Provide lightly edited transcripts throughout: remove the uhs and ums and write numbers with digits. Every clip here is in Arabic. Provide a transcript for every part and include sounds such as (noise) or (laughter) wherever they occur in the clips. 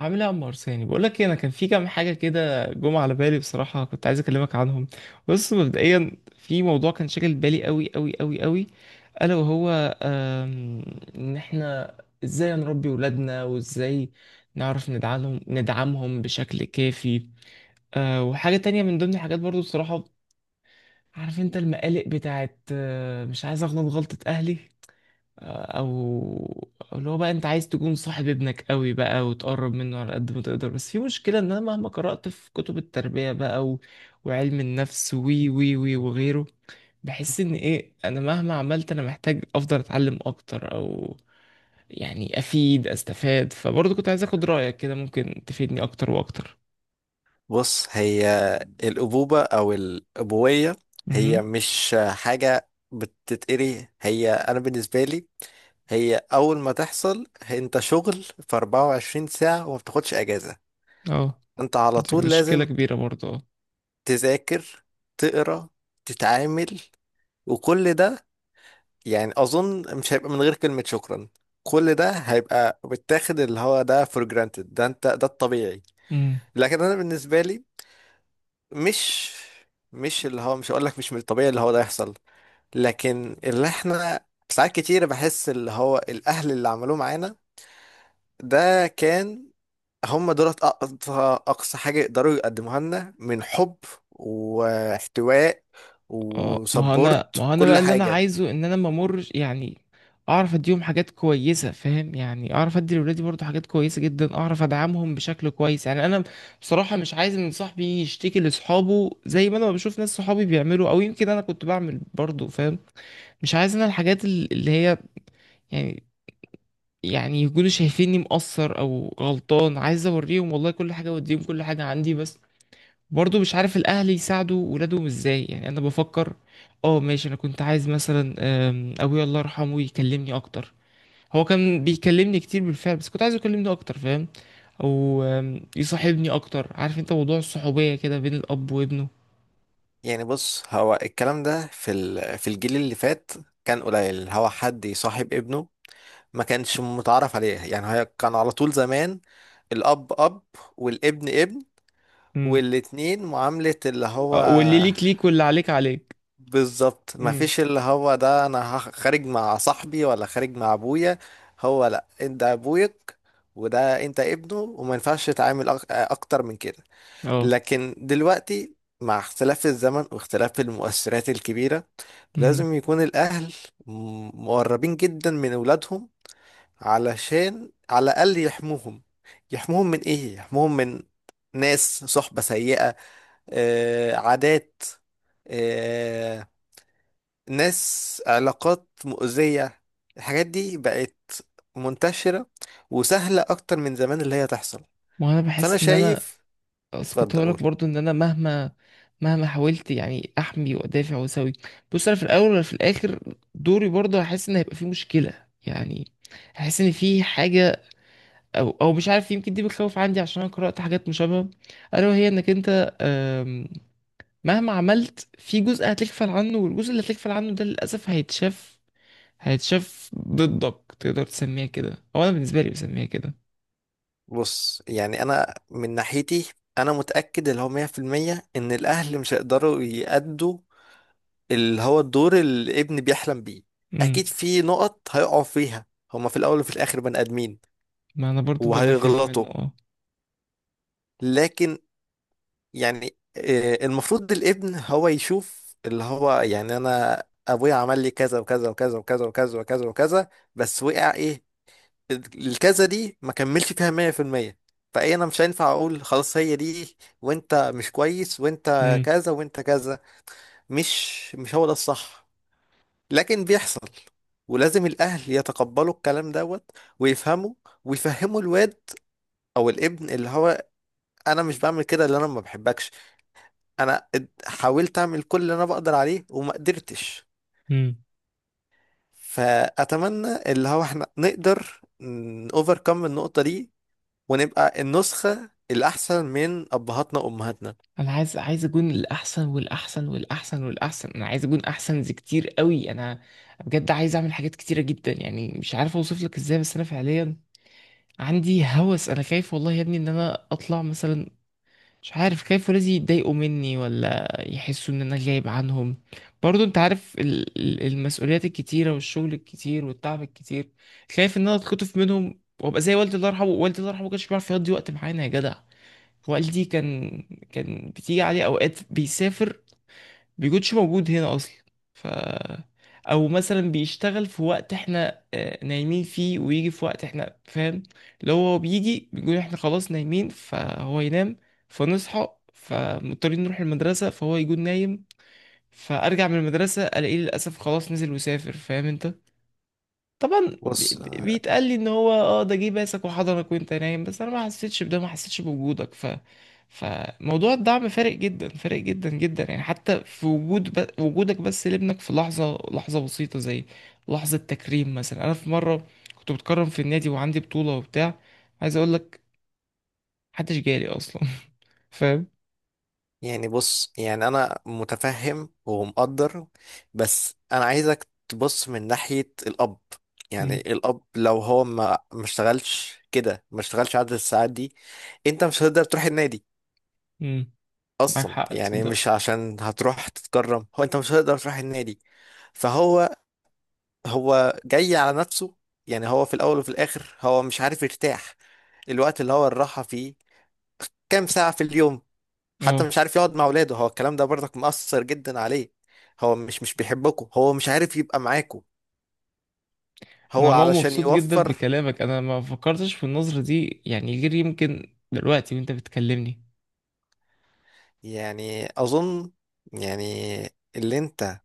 عامل ايه يا عمار؟ بقول لك إيه، انا كان في كام حاجه كده جم على بالي، بصراحه كنت عايز اكلمك عنهم. بص مبدئيا في موضوع كان شاغل بالي قوي قوي قوي قوي، الا وهو آم، ان احنا ازاي نربي ولادنا، وازاي نعرف ندعمهم بشكل كافي. وحاجه تانية من ضمن الحاجات برضو، بصراحه عارف انت المقالق بتاعت، مش عايز اغلط غلطه اهلي، أو اللي هو بقى انت عايز تكون صاحب ابنك قوي بقى وتقرب منه على قد ما تقدر، بس في مشكلة ان انا مهما قرأت في كتب التربية بقى وعلم النفس وي وي وي وغيره، بحس ان ايه، انا مهما عملت انا محتاج افضل اتعلم اكتر، او يعني استفاد، فبرضه كنت عايز اخد رأيك كده، ممكن تفيدني اكتر واكتر. بص هي الأبوبة أو الأبوية هي امم. مش حاجة بتتقري، هي أنا بالنسبة لي هي أول ما تحصل أنت شغل في 24 ساعة وما بتاخدش أجازة. اه. أنت على دي طول مشكلة لازم كبيرة برضه. تذاكر، تقرا، تتعامل، وكل ده. يعني أظن مش هيبقى من غير كلمة شكرا، كل ده هيبقى بتاخد اللي هو ده فور جرانتد، ده انت ده الطبيعي. اه. لكن انا بالنسبه لي مش مش اللي هو مش هقول لك مش من الطبيعي اللي هو ده يحصل، لكن اللي احنا ساعات كتير بحس اللي هو الاهل اللي عملوه معانا ده كان، هم دولت اقصى اقصى حاجة يقدروا يقدموها لنا من حب واحتواء اه، ما وسبورت هو انا بقى وكل اللي انا حاجة. عايزه ان انا ما امرش يعني، اعرف اديهم حاجات كويسه، فاهم؟ يعني اعرف ادي لاولادي برضو حاجات كويسه جدا، اعرف ادعمهم بشكل كويس، يعني انا بصراحه مش عايز ان صاحبي يشتكي لاصحابه زي ما انا بشوف ناس صحابي بيعملوا، او يمكن انا كنت بعمل برضو، فاهم؟ مش عايز انا الحاجات اللي هي يعني، يكونوا شايفيني مقصر او غلطان، عايز اوريهم والله كل حاجه واديهم كل حاجه عندي، بس برضه مش عارف الاهل يساعدوا ولادهم ازاي. يعني انا بفكر، اه ماشي، انا كنت عايز مثلا ابويا الله يرحمه يكلمني اكتر. هو كان بيكلمني كتير بالفعل بس كنت عايزه يكلمني اكتر، فاهم؟ او يصاحبني اكتر، عارف انت موضوع الصحوبية كده بين الاب وابنه. يعني بص، هو الكلام ده في الجيل اللي فات كان قليل هو حد يصاحب ابنه، ما كانش متعرف عليه. يعني هي كان على طول زمان الأب أب والابن ابن، امم. والاتنين معاملة اللي هو واللي ليك ليك واللي عليك عليك. بالظبط، امم. مفيش اللي هو ده انا خارج مع صاحبي ولا خارج مع ابويا. هو لا، انت ابوك وده انت ابنه، وما ينفعش تتعامل اكتر من كده. اه. لكن دلوقتي مع اختلاف الزمن واختلاف المؤثرات الكبيرة مهم. لازم يكون الاهل مقربين جدا من اولادهم، علشان على الاقل يحموهم. يحموهم من ايه؟ يحموهم من ناس صحبة سيئة، عادات، آه، ناس علاقات مؤذية. الحاجات دي بقت منتشرة وسهلة أكتر من زمان اللي هي تحصل. وانا فأنا بحس ان انا، شايف، اصل كنت اتفضل هقولك قول. برضو ان انا مهما حاولت يعني احمي وادافع واسوي، بص انا في الاول ولا في الاخر دوري برضو هحس ان هيبقى في مشكله يعني، هحس ان في حاجه، او مش عارف، يمكن دي بتخوف عندي عشان انا قرات حاجات مشابهه، الا وهي انك انت مهما عملت في جزء هتغفل عنه، والجزء اللي هتغفل عنه ده للاسف هيتشاف، هيتشاف ضدك، تقدر تسميها كده، او انا بالنسبه لي بسميها كده. بص يعني أنا من ناحيتي أنا متأكد اللي هو مية في المية إن الأهل مش هيقدروا يأدوا اللي هو الدور اللي الابن بيحلم بيه امم. أكيد في نقط هيقعوا فيها هما في الأول وفي الآخر بني آدمين ما انا برضو ده اللي خايف وهيغلطوا منه، اه. لكن يعني آه، المفروض الابن هو يشوف اللي هو يعني انا ابويا عمل لي كذا وكذا وكذا وكذا وكذا وكذا وكذا بس وقع ايه الكذا دي ما كملش فيها 100% فايه انا مش هينفع اقول خلاص هي دي وانت مش كويس وانت امم. كذا وانت كذا مش مش هو ده الصح لكن بيحصل ولازم الاهل يتقبلوا الكلام دوت ويفهموا ويفهموا الواد او الابن اللي هو انا مش بعمل كده اللي انا ما بحبكش انا اد- حاولت اعمل كل اللي انا بقدر عليه وما قدرتش امم. فاتمنى اللي هو احنا نقدر اوفركم النقطة دي ونبقى النسخة الاحسن من ابهاتنا وامهاتنا انا عايز، عايز اكون الاحسن والاحسن والاحسن والاحسن، انا عايز اكون احسن زي كتير قوي، انا بجد عايز اعمل حاجات كتيره جدا يعني، مش عارف اوصف لك ازاي بس انا فعليا عندي هوس، انا خايف والله يا ابني ان انا اطلع مثلا، مش عارف، خايف ولادي يتضايقوا مني ولا يحسوا ان انا غايب عنهم برضو، انت عارف المسؤوليات الكتيره والشغل الكتير والتعب الكتير، خايف ان انا اتخطف منهم وابقى زي والدي الله يرحمه. والدي الله يرحمه ما كانش بيعرف يقضي وقت معانا يا جدع. والدي كان، كان بتيجي عليه اوقات بيسافر، بيكونش موجود هنا اصلا، ف، او مثلا بيشتغل في وقت احنا نايمين فيه، ويجي في وقت احنا، فاهم؟ لو هو بيجي بيقول احنا خلاص نايمين فهو ينام، فنصحى فمضطرين نروح المدرسة فهو يكون نايم، فارجع من المدرسة الاقيه للاسف خلاص نزل وسافر، فاهم انت؟ طبعا بص بيتقال لي ان هو اه ده جه باسك وحضنك وانت نايم، بس انا ما حسيتش بده، ما حسيتش بوجودك، ف، فموضوع الدعم فارق جدا، فارق جدا جدا، يعني حتى في وجود وجودك بس لابنك في لحظة، لحظة بسيطة زي لحظة تكريم مثلا. انا في مرة كنت بتكرم في النادي وعندي بطولة وبتاع، عايز اقول لك محدش جالي اصلا. (laughs) فاهم؟ يعني، انا متفهم ومقدر، بس انا عايزك تبص من ناحية الاب. يعني امم. الاب لو هو ما اشتغلش كده، ما اشتغلش عدد الساعات دي انت مش هتقدر تروح النادي امم. معاك اصلا. حق، يعني تصدق؟ مش عشان هتروح تتكرم، هو انت مش هتقدر تروح النادي. فهو، هو جاي على نفسه. يعني هو في الاول وفي الاخر هو مش عارف يرتاح. الوقت اللي هو الراحة فيه كام ساعة في اليوم؟ حتى اه، مش عارف يقعد مع اولاده، هو الكلام ده برضك مؤثر جدا عليه. هو مش بيحبكم، هو مش عارف يبقى معاكم، انا هو عموما علشان مبسوط جدا يوفر. بكلامك، انا ما فكرتش في النظرة دي يعني غير يمكن دلوقتي وانت بتكلمني. يعني اظن، يعني اللي انت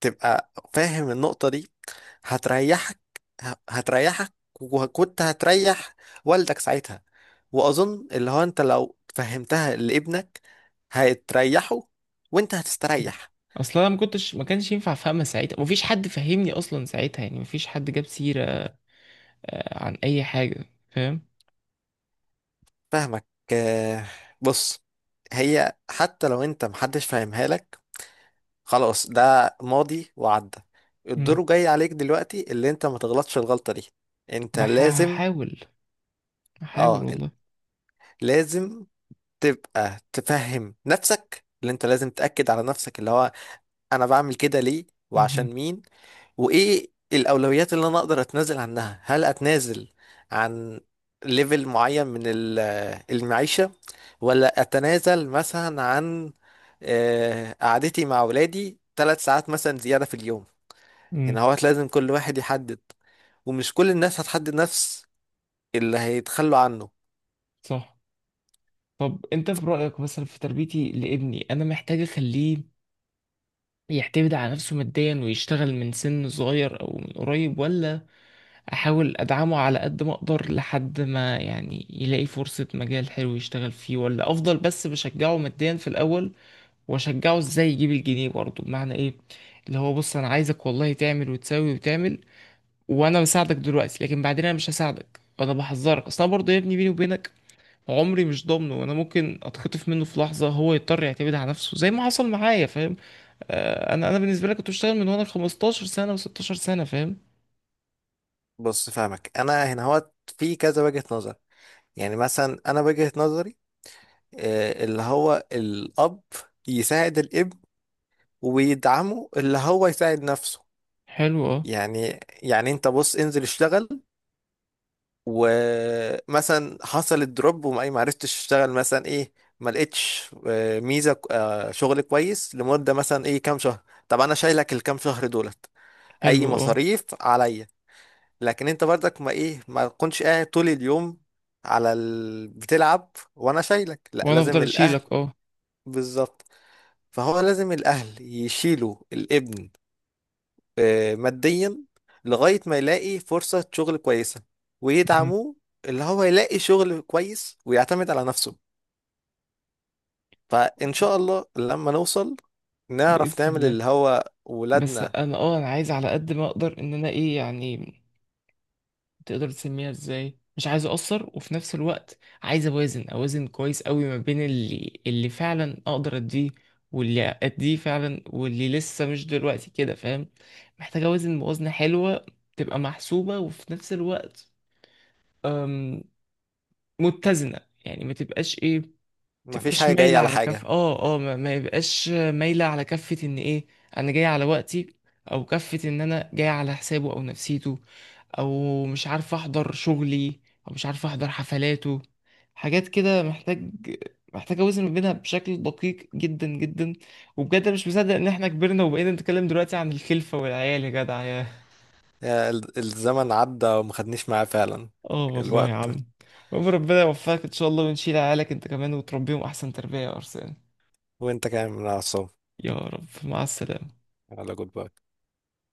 تبقى فاهم النقطة دي هتريحك، هتريحك وكنت هتريح والدك ساعتها. وأظن اللي هو أنت لو فهمتها لابنك هتريحه وأنت هتستريح. اصلا انا ما كانش ينفع افهمها ساعتها، مفيش حد فهمني اصلا ساعتها، يعني مفيش حد جاب سيرة عن اي حاجة، فاهم؟ فاهمك. آه، بص، هي حتى لو أنت محدش فاهمها لك، خلاص ده ماضي وعدى. مم. الدور جاي عليك دلوقتي اللي أنت ما تغلطش الغلطة دي. أنت بح- لازم، هحاول هحاول اه، والله. لازم تبقى تفهم نفسك اللي انت لازم تأكد على نفسك اللي هو انا بعمل كده ليه مهم. وعشان مين، وايه الاولويات اللي انا اقدر اتنازل عنها. هل اتنازل عن ليفل معين من المعيشة، ولا اتنازل مثلا عن قعدتي مع ولادي ثلاث ساعات مثلا زيادة في اليوم؟ مم. هنا هو لازم كل واحد يحدد، ومش كل الناس هتحدد نفس اللي هيتخلوا عنه. صح. طب انت في رأيك مثلا في تربيتي لابني انا محتاج اخليه يعتمد على نفسه ماديا ويشتغل من سن صغير او من قريب، ولا احاول ادعمه على قد ما اقدر لحد ما يعني يلاقي فرصة، مجال حلو يشتغل فيه، ولا افضل بس بشجعه ماديا في الاول؟ واشجعه ازاي يجيب الجنيه برضه، بمعنى ايه؟ اللي هو بص انا عايزك والله تعمل وتسوي وتعمل، وانا بساعدك دلوقتي لكن بعدين انا مش هساعدك، وانا بحذرك اصل انا برضه يا ابني بيني وبينك عمري مش ضامنه، وانا ممكن اتخطف منه في لحظة، هو يضطر يعتمد على نفسه زي ما حصل معايا، فاهم؟ آه، انا بالنسبة لي كنت بشتغل من وانا 15 سنة و16 سنة، فاهم؟ بص فاهمك، انا هنا هو في كذا وجهة نظر. يعني مثلا انا وجهة نظري اللي هو الاب يساعد الابن ويدعمه اللي هو يساعد نفسه. حلو، اه. يعني يعني انت بص، انزل اشتغل. ومثلا حصل الدروب وما ما عرفتش اشتغل مثلا ايه، ما لقيتش ميزة، شغل كويس لمدة مثلا ايه كام شهر، طب انا شايلك الكام شهر دولت، حلو، اي اه. مصاريف عليا. لكن انت برضك ما ايه، ما تكونش قاعد طول اليوم على ال... بتلعب وانا شايلك، لا وانا لازم افضل الاهل اشيلك، اه. بالظبط. فهو لازم الأهل يشيلوا الابن ماديا لغاية ما يلاقي فرصة شغل كويسة، مهم. ويدعموه اللي هو يلاقي شغل كويس ويعتمد على نفسه. فإن شاء الله لما نوصل نعرف باذن نعمل الله. اللي هو بس ولادنا انا اه انا عايز على قد ما اقدر ان انا ايه يعني، تقدر تسميها ازاي، مش عايز اقصر وفي نفس الوقت عايز اوازن، اوازن كويس قوي ما بين اللي فعلا اقدر اديه، واللي اديه فعلا واللي لسه مش دلوقتي كده، فاهم؟ محتاج اوازن موازنة حلوة تبقى محسوبة، وفي نفس الوقت أم، متزنة، يعني ما تبقاش ايه، مفيش تبقاش حاجة جاية مايلة على على كف، حاجة. اه اه ما يبقاش مايلة على كفة ان ايه انا جاي على وقتي، او كفة ان انا جاي على حسابه او نفسيته، او مش عارف احضر شغلي، او مش عارف احضر حفلاته، حاجات كده محتاج، محتاج اوزن ما بينها بشكل دقيق جدا جدا. وبجد أنا مش مصدق ان احنا كبرنا وبقينا نتكلم دلوقتي عن الخلفة والعيال يا جدع يا، الزمن عدى وما خدنيش معاه فعلا اه والله يا الوقت. عم. المهم ربنا يوفقك ان شاء الله، ونشيل عيالك انت كمان وتربيهم احسن تربية يا ارسلان. وانت كمان من على الصوت، يا رب، مع السلامة. على جود باي.